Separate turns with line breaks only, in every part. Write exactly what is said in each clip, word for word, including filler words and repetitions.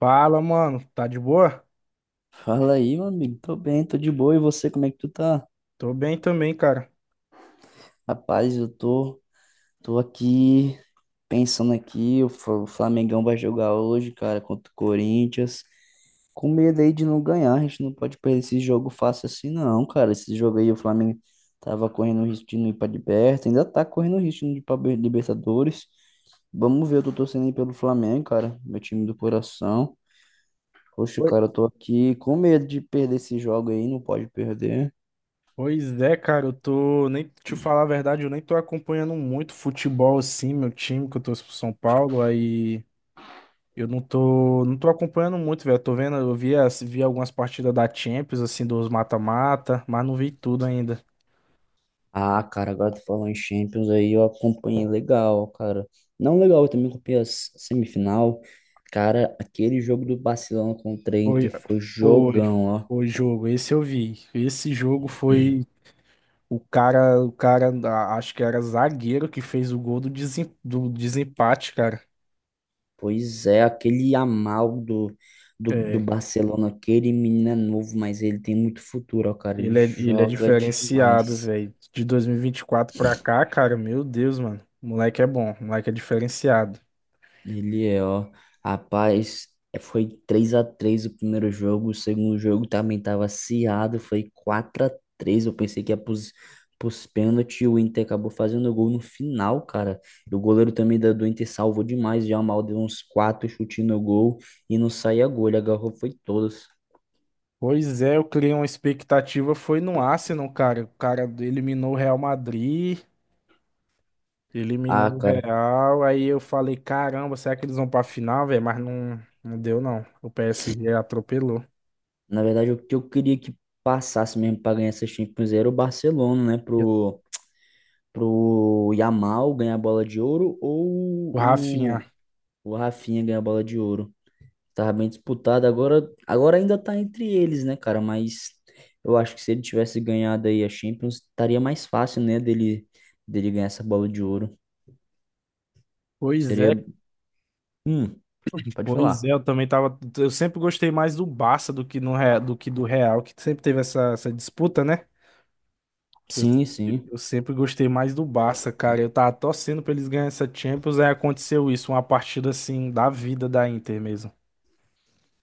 Fala, mano. Tá de boa?
Fala aí, meu amigo. Tô bem, tô de boa. E você, como é que tu tá?
Tô bem também, cara.
Rapaz, eu tô, tô aqui pensando aqui, o Fla- o Flamengão vai jogar hoje, cara, contra o Corinthians. Com medo aí de não ganhar, a gente não pode perder esse jogo fácil assim, não, cara. Esse jogo aí o Flamengo tava correndo o risco de não ir pra liberta, ainda tá correndo o risco de não ir pra Be- Libertadores. Vamos ver, eu tô torcendo aí pelo Flamengo, cara, meu time do coração. Poxa,
Oi.
cara, eu tô aqui com medo de perder esse jogo aí, não pode perder.
Pois é, cara, eu tô. Nem te falar a verdade, eu nem tô acompanhando muito futebol assim, meu time, que eu torço pro São Paulo. Aí eu não tô. Não tô acompanhando muito, velho. Tô vendo, eu vi, as- vi algumas partidas da Champions, assim, dos mata-mata, mas não vi tudo ainda.
Ah, cara, agora tu falou em Champions aí, eu acompanhei legal, cara. Não legal, eu também acompanhei a s- semifinal. Cara, aquele jogo do Barcelona contra a
Foi,
Inter foi
foi,
jogão, ó.
Foi jogo. Esse eu vi. Esse jogo foi. O cara, o cara, a- acho que era zagueiro que fez o gol do, desem, do desempate, cara.
Pois é, aquele Yamal do, do, do
É.
Barcelona, aquele menino é novo, mas ele tem muito futuro, ó, cara. Ele
Ele é, ele é
joga
diferenciado,
demais.
velho. De dois mil e vinte e quatro pra cá, cara, meu Deus, mano. O moleque é bom, o moleque é diferenciado.
Ele é, ó. Rapaz, é, foi três a três o primeiro jogo. O segundo jogo também tava acirrado. Foi quatro a três. Eu pensei que ia pros, pros pênaltis. O Inter acabou fazendo gol no final, cara. E o goleiro também da, do Inter salvou demais. Já mal deu uns quatro chutes no gol. E não saía gol. Ele agarrou, foi todos.
Pois é, eu criei uma expectativa, foi no Arsenal, cara. O cara eliminou o Real Madrid, eliminou
Ah,
o
cara.
Real. Aí eu falei, caramba, será que eles vão pra final, velho? Mas não, não deu, não. O P S G atropelou.
Na verdade, o que eu queria que passasse mesmo pra ganhar essa Champions era o Barcelona, né?
Eu-
Pro, pro Yamal ganhar a bola de ouro
O
ou
Rafinha.
o Rafinha ganhou a bola de ouro. Tava bem disputado. Agora, agora ainda tá entre eles, né, cara? Mas eu acho que se ele tivesse ganhado aí a Champions, estaria mais fácil, né, dele, dele ganhar essa bola de ouro.
Pois é,
Seria. Hum, pode
pois
falar.
é, eu também tava. Eu sempre gostei mais do Barça do que, no, Re- do que do Real, que sempre teve essa, essa disputa, né? Eu,
Sim, sim.
eu sempre gostei mais do Barça, cara. Eu tava torcendo pra eles ganharem essa Champions, aí aconteceu isso, uma partida assim da vida da Inter mesmo.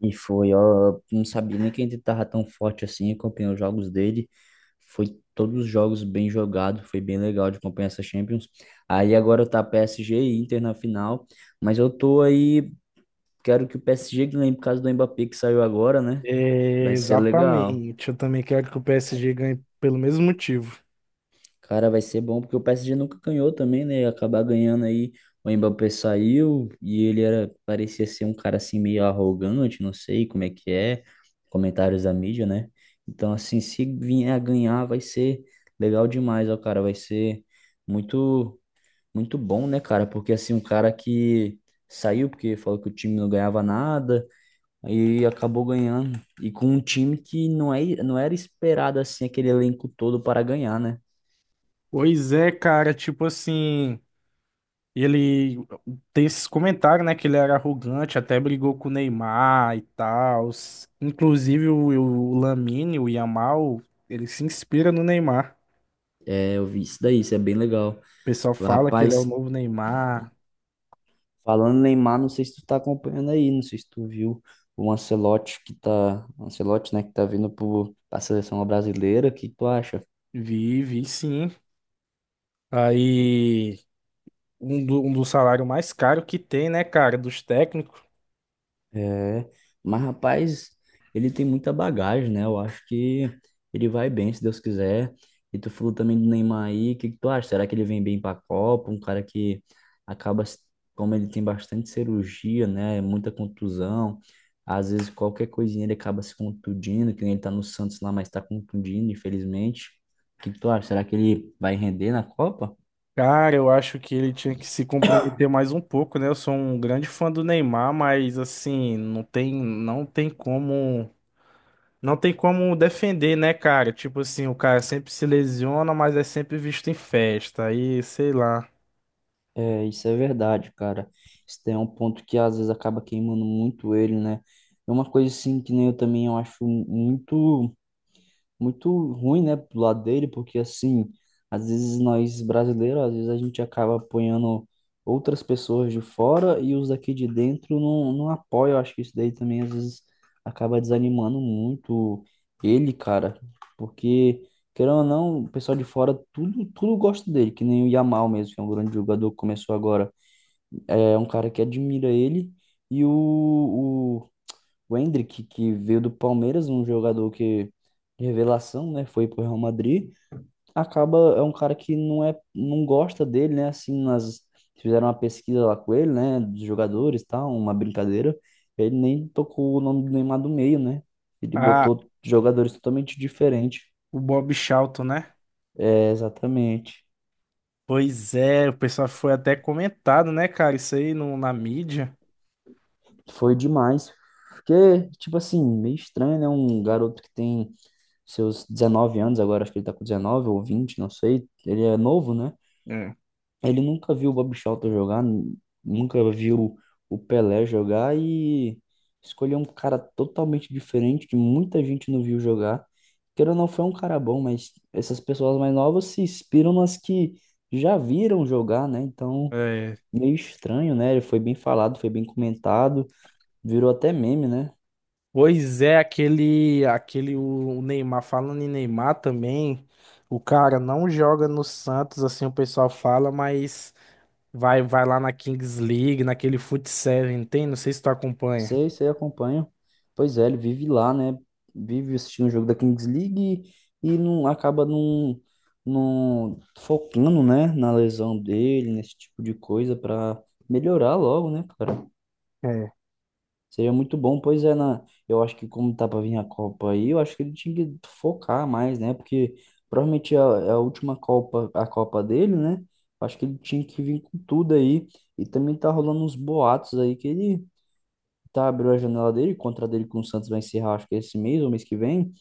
E foi, ó. Não sabia nem que ele tava tão forte assim. Acompanhei os jogos dele. Foi todos os jogos bem jogados. Foi bem legal de acompanhar essa Champions. Aí agora tá P S G e Inter na final. Mas eu tô aí. Quero que o P S G ganhe por causa do Mbappé que saiu agora, né?
É,
Vai ser legal.
exatamente. Eu também quero que o P S G ganhe pelo mesmo motivo.
Cara, vai ser bom porque o P S G nunca ganhou também, né? Acabar ganhando aí. O Mbappé saiu e ele era, parecia ser um cara assim meio arrogante, não sei como é que é. Comentários da mídia, né? Então, assim, se vier a ganhar, vai ser legal demais, ó, cara. Vai ser muito, muito bom, né, cara? Porque assim, um cara que saiu porque falou que o time não ganhava nada. E acabou ganhando. E com um time que não, é, não era esperado assim, aquele elenco todo para ganhar, né?
Pois é, cara, tipo assim, ele tem esses comentários, né, que ele era arrogante, até brigou com o Neymar e tal. Inclusive o, o Lamine, o Yamal, ele se inspira no Neymar.
É, eu vi isso daí, isso é bem legal.
O pessoal fala que ele é o
Rapaz,
novo Neymar.
falando em Neymar, não sei se tu tá acompanhando aí, não sei se tu viu o Ancelotti que tá. Ancelotti, né, que tá vindo pro, pra seleção brasileira. O que tu acha?
Vive, e sim. Aí, um do, um do salário mais caro que tem, né, cara, dos técnicos.
É, mas rapaz, ele tem muita bagagem, né? Eu acho que ele vai bem, se Deus quiser. E tu falou também do Neymar aí, o que que tu acha? Será que ele vem bem pra Copa? Um cara que acaba, se- como ele tem bastante cirurgia, né? Muita contusão. Às vezes qualquer coisinha ele acaba se contundindo, que nem ele tá no Santos lá, mas tá contundindo, infelizmente. O que que tu acha? Será que ele vai render na Copa?
Cara, eu acho que ele tinha que se comprometer mais um pouco, né? Eu sou um grande fã do Neymar, mas assim, não tem, não tem como, não tem como defender, né, cara? Tipo assim, o cara sempre se lesiona, mas é sempre visto em festa. Aí, sei lá.
É, isso é verdade, cara. Isso daí é um ponto que às vezes acaba queimando muito ele, né? É uma coisa assim que nem eu também eu acho muito muito ruim, né, pro lado dele, porque assim, às vezes nós brasileiros, às vezes a gente acaba apoiando outras pessoas de fora e os daqui de dentro não, não apoiam. Eu acho que isso daí também às vezes acaba desanimando muito ele, cara, porque querendo ou não, o pessoal de fora tudo, tudo gosta dele, que nem o Yamal mesmo, que é um grande jogador, que começou agora. É um cara que admira ele. E o, o, o Endrick, que veio do Palmeiras, um jogador que, de revelação, né? Foi pro Real Madrid. Acaba, é um cara que não é, não gosta dele, né? Assim, nós fizeram uma pesquisa lá com ele, né? Dos jogadores e tal, uma brincadeira. Ele nem tocou o nome do Neymar do meio, né? Ele
Ah,
botou jogadores totalmente diferentes.
o Bob Charlton, né?
É, exatamente.
Pois é, o pessoal foi até comentado, né, cara? Isso aí no, na mídia.
Foi demais. Porque, tipo assim, meio estranho, né? Um garoto que tem seus dezenove anos, agora acho que ele tá com dezenove ou vinte, não sei. Ele é novo, né? Ele nunca viu o Bob Shelton jogar, nu- nunca viu o Pelé jogar e escolheu um cara totalmente diferente que muita gente não viu jogar. Queira ou não, foi um cara bom, mas essas pessoas mais novas se inspiram nas que já viram jogar, né? Então,
É.
meio estranho, né? Ele foi bem falado, foi bem comentado, virou até meme, né?
Pois é, aquele, aquele o o Neymar, falando em Neymar também, o cara não joga no Santos, assim o pessoal fala, mas vai vai lá na Kings League, naquele Foot Seven, tem? Não sei se tu acompanha.
Sei, sei, acompanho. Pois é, ele vive lá, né? Vive assistindo o jogo da Kings League e não acaba não, não focando, né, na lesão dele, nesse tipo de coisa para melhorar logo, né, cara?
É.
Seria muito bom, pois é, na, eu acho que como tá para vir a Copa aí, eu acho que ele tinha que focar mais, né? Porque provavelmente é a, é a última Copa, a Copa dele, né? Acho que ele tinha que vir com tudo aí. E também tá rolando uns boatos aí que ele tá, abriu a janela dele, o contrato dele com o Santos vai encerrar, acho que esse mês ou mês que vem,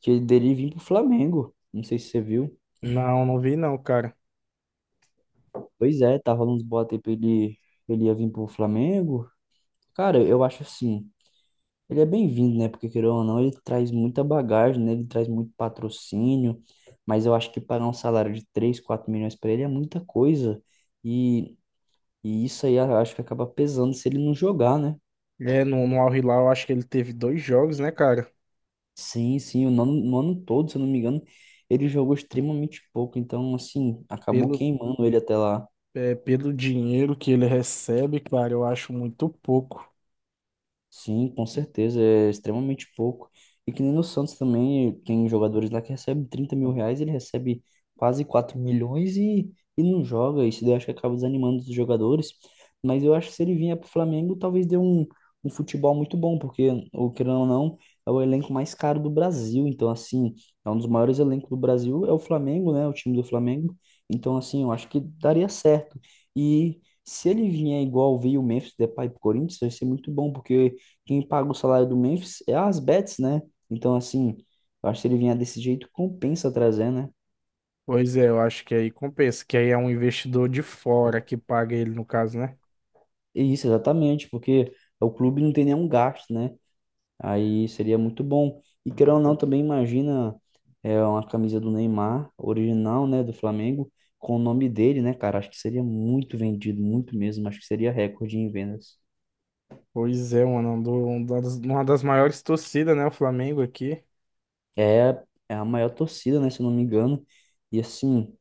que ele dele vir pro Flamengo. Não sei se você viu.
Não, não vi não, cara.
Pois é, tá rolando uns boatos aí pra ele, ele ia vir pro Flamengo. Cara, eu acho assim, ele é bem-vindo, né? Porque, querendo ou não, ele traz muita bagagem, né? Ele traz muito patrocínio, mas eu acho que pagar um salário de três quatro milhões pra ele é muita coisa. E, e isso aí eu acho que acaba pesando se ele não jogar, né?
É, no, no Al Hilal, eu acho que ele teve dois jogos, né, cara?
Sim, sim, o nono, no ano todo, se eu não me engano, ele jogou extremamente pouco, então, assim, acabou
Pelo,
queimando ele até lá.
é, pelo dinheiro que ele recebe, cara, eu acho muito pouco.
Sim, com certeza, é extremamente pouco. E que nem no Santos também, tem jogadores lá que recebem trinta mil reais, ele recebe quase quatro milhões e, e não joga. Isso daí eu acho que acaba desanimando os jogadores. Mas eu acho que se ele vier pro Flamengo, talvez dê um, um futebol muito bom, porque, o querendo ou não, é o elenco mais caro do Brasil. Então, assim, é um dos maiores elencos do Brasil, é o Flamengo, né? O time do Flamengo. Então, assim, eu acho que daria certo. E se ele vier igual veio o Memphis Depay pro Corinthians, vai ser muito bom, porque quem paga o salário do Memphis é as bets, né? Então, assim, eu acho que se ele vier desse jeito, compensa trazer, né?
Pois é, eu acho que aí compensa, que aí é um investidor de fora que paga ele, no caso, né?
E isso, exatamente, porque o clube não tem nenhum gasto, né? Aí seria muito bom. E querendo ou não, também imagina é, uma camisa do Neymar, original, né, do Flamengo, com o nome dele, né, cara? Acho que seria muito vendido, muito mesmo. Acho que seria recorde em vendas.
Pois é, mano, um do- um das- uma das maiores torcidas, né, o Flamengo aqui.
É, é a maior torcida, né? Se eu não me engano. E assim,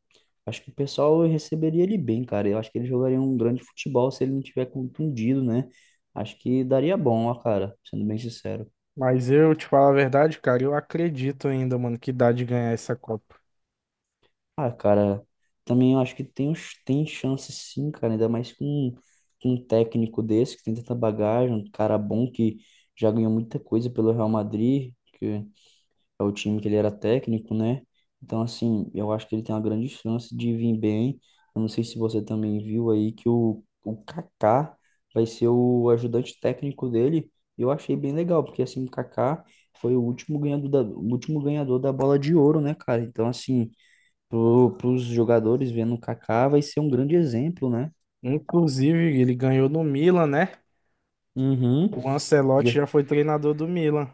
acho que o pessoal receberia ele bem, cara. Eu acho que ele jogaria um grande futebol se ele não tiver contundido, né? Acho que daria bom, ó, cara, sendo bem sincero.
Mas eu te falo a verdade, cara, eu acredito ainda, mano, que dá de ganhar essa Copa.
Ah, cara, também eu acho que tem, uns- tem chance sim, cara, ainda mais com, com um técnico desse que tem tanta bagagem, um cara bom que já ganhou muita coisa pelo Real Madrid, é o time que ele era técnico, né? Então, assim, eu acho que ele tem uma grande chance de vir bem. Eu não sei se você também viu aí que o, o Kaká vai ser o ajudante técnico dele. Eu achei bem legal, porque assim, o Kaká foi o último ganhador da, o último ganhador da bola de ouro, né, cara? Então, assim, para os jogadores vendo o Kaká vai ser um grande exemplo, né?
Inclusive, ele ganhou no Milan, né?
Uhum.
O Ancelotti já foi treinador do Milan.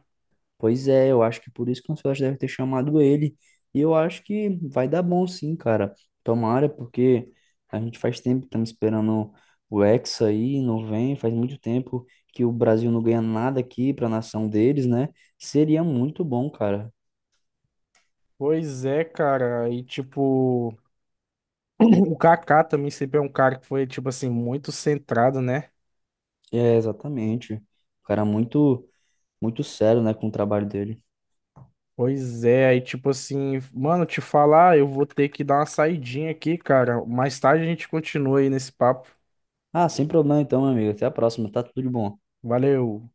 Pois é, eu acho que por isso que o Ancelotti deve ter chamado ele. E eu acho que vai dar bom sim, cara. Tomara, porque a gente faz tempo que estamos esperando o Hexa aí, não vem, faz muito tempo que o Brasil não ganha nada aqui para a nação deles, né? Seria muito bom, cara.
Pois é, cara, e tipo, o Kaká também sempre é um cara que foi, tipo assim, muito centrado, né?
É, exatamente. O cara muito, muito sério, né, com o trabalho dele.
Pois é, aí tipo assim, mano, te falar, eu vou ter que dar uma saidinha aqui, cara. Mais tarde a gente continua aí nesse papo.
Ah, sem problema então, meu amigo. Até a próxima. Tá tudo de bom.
Valeu.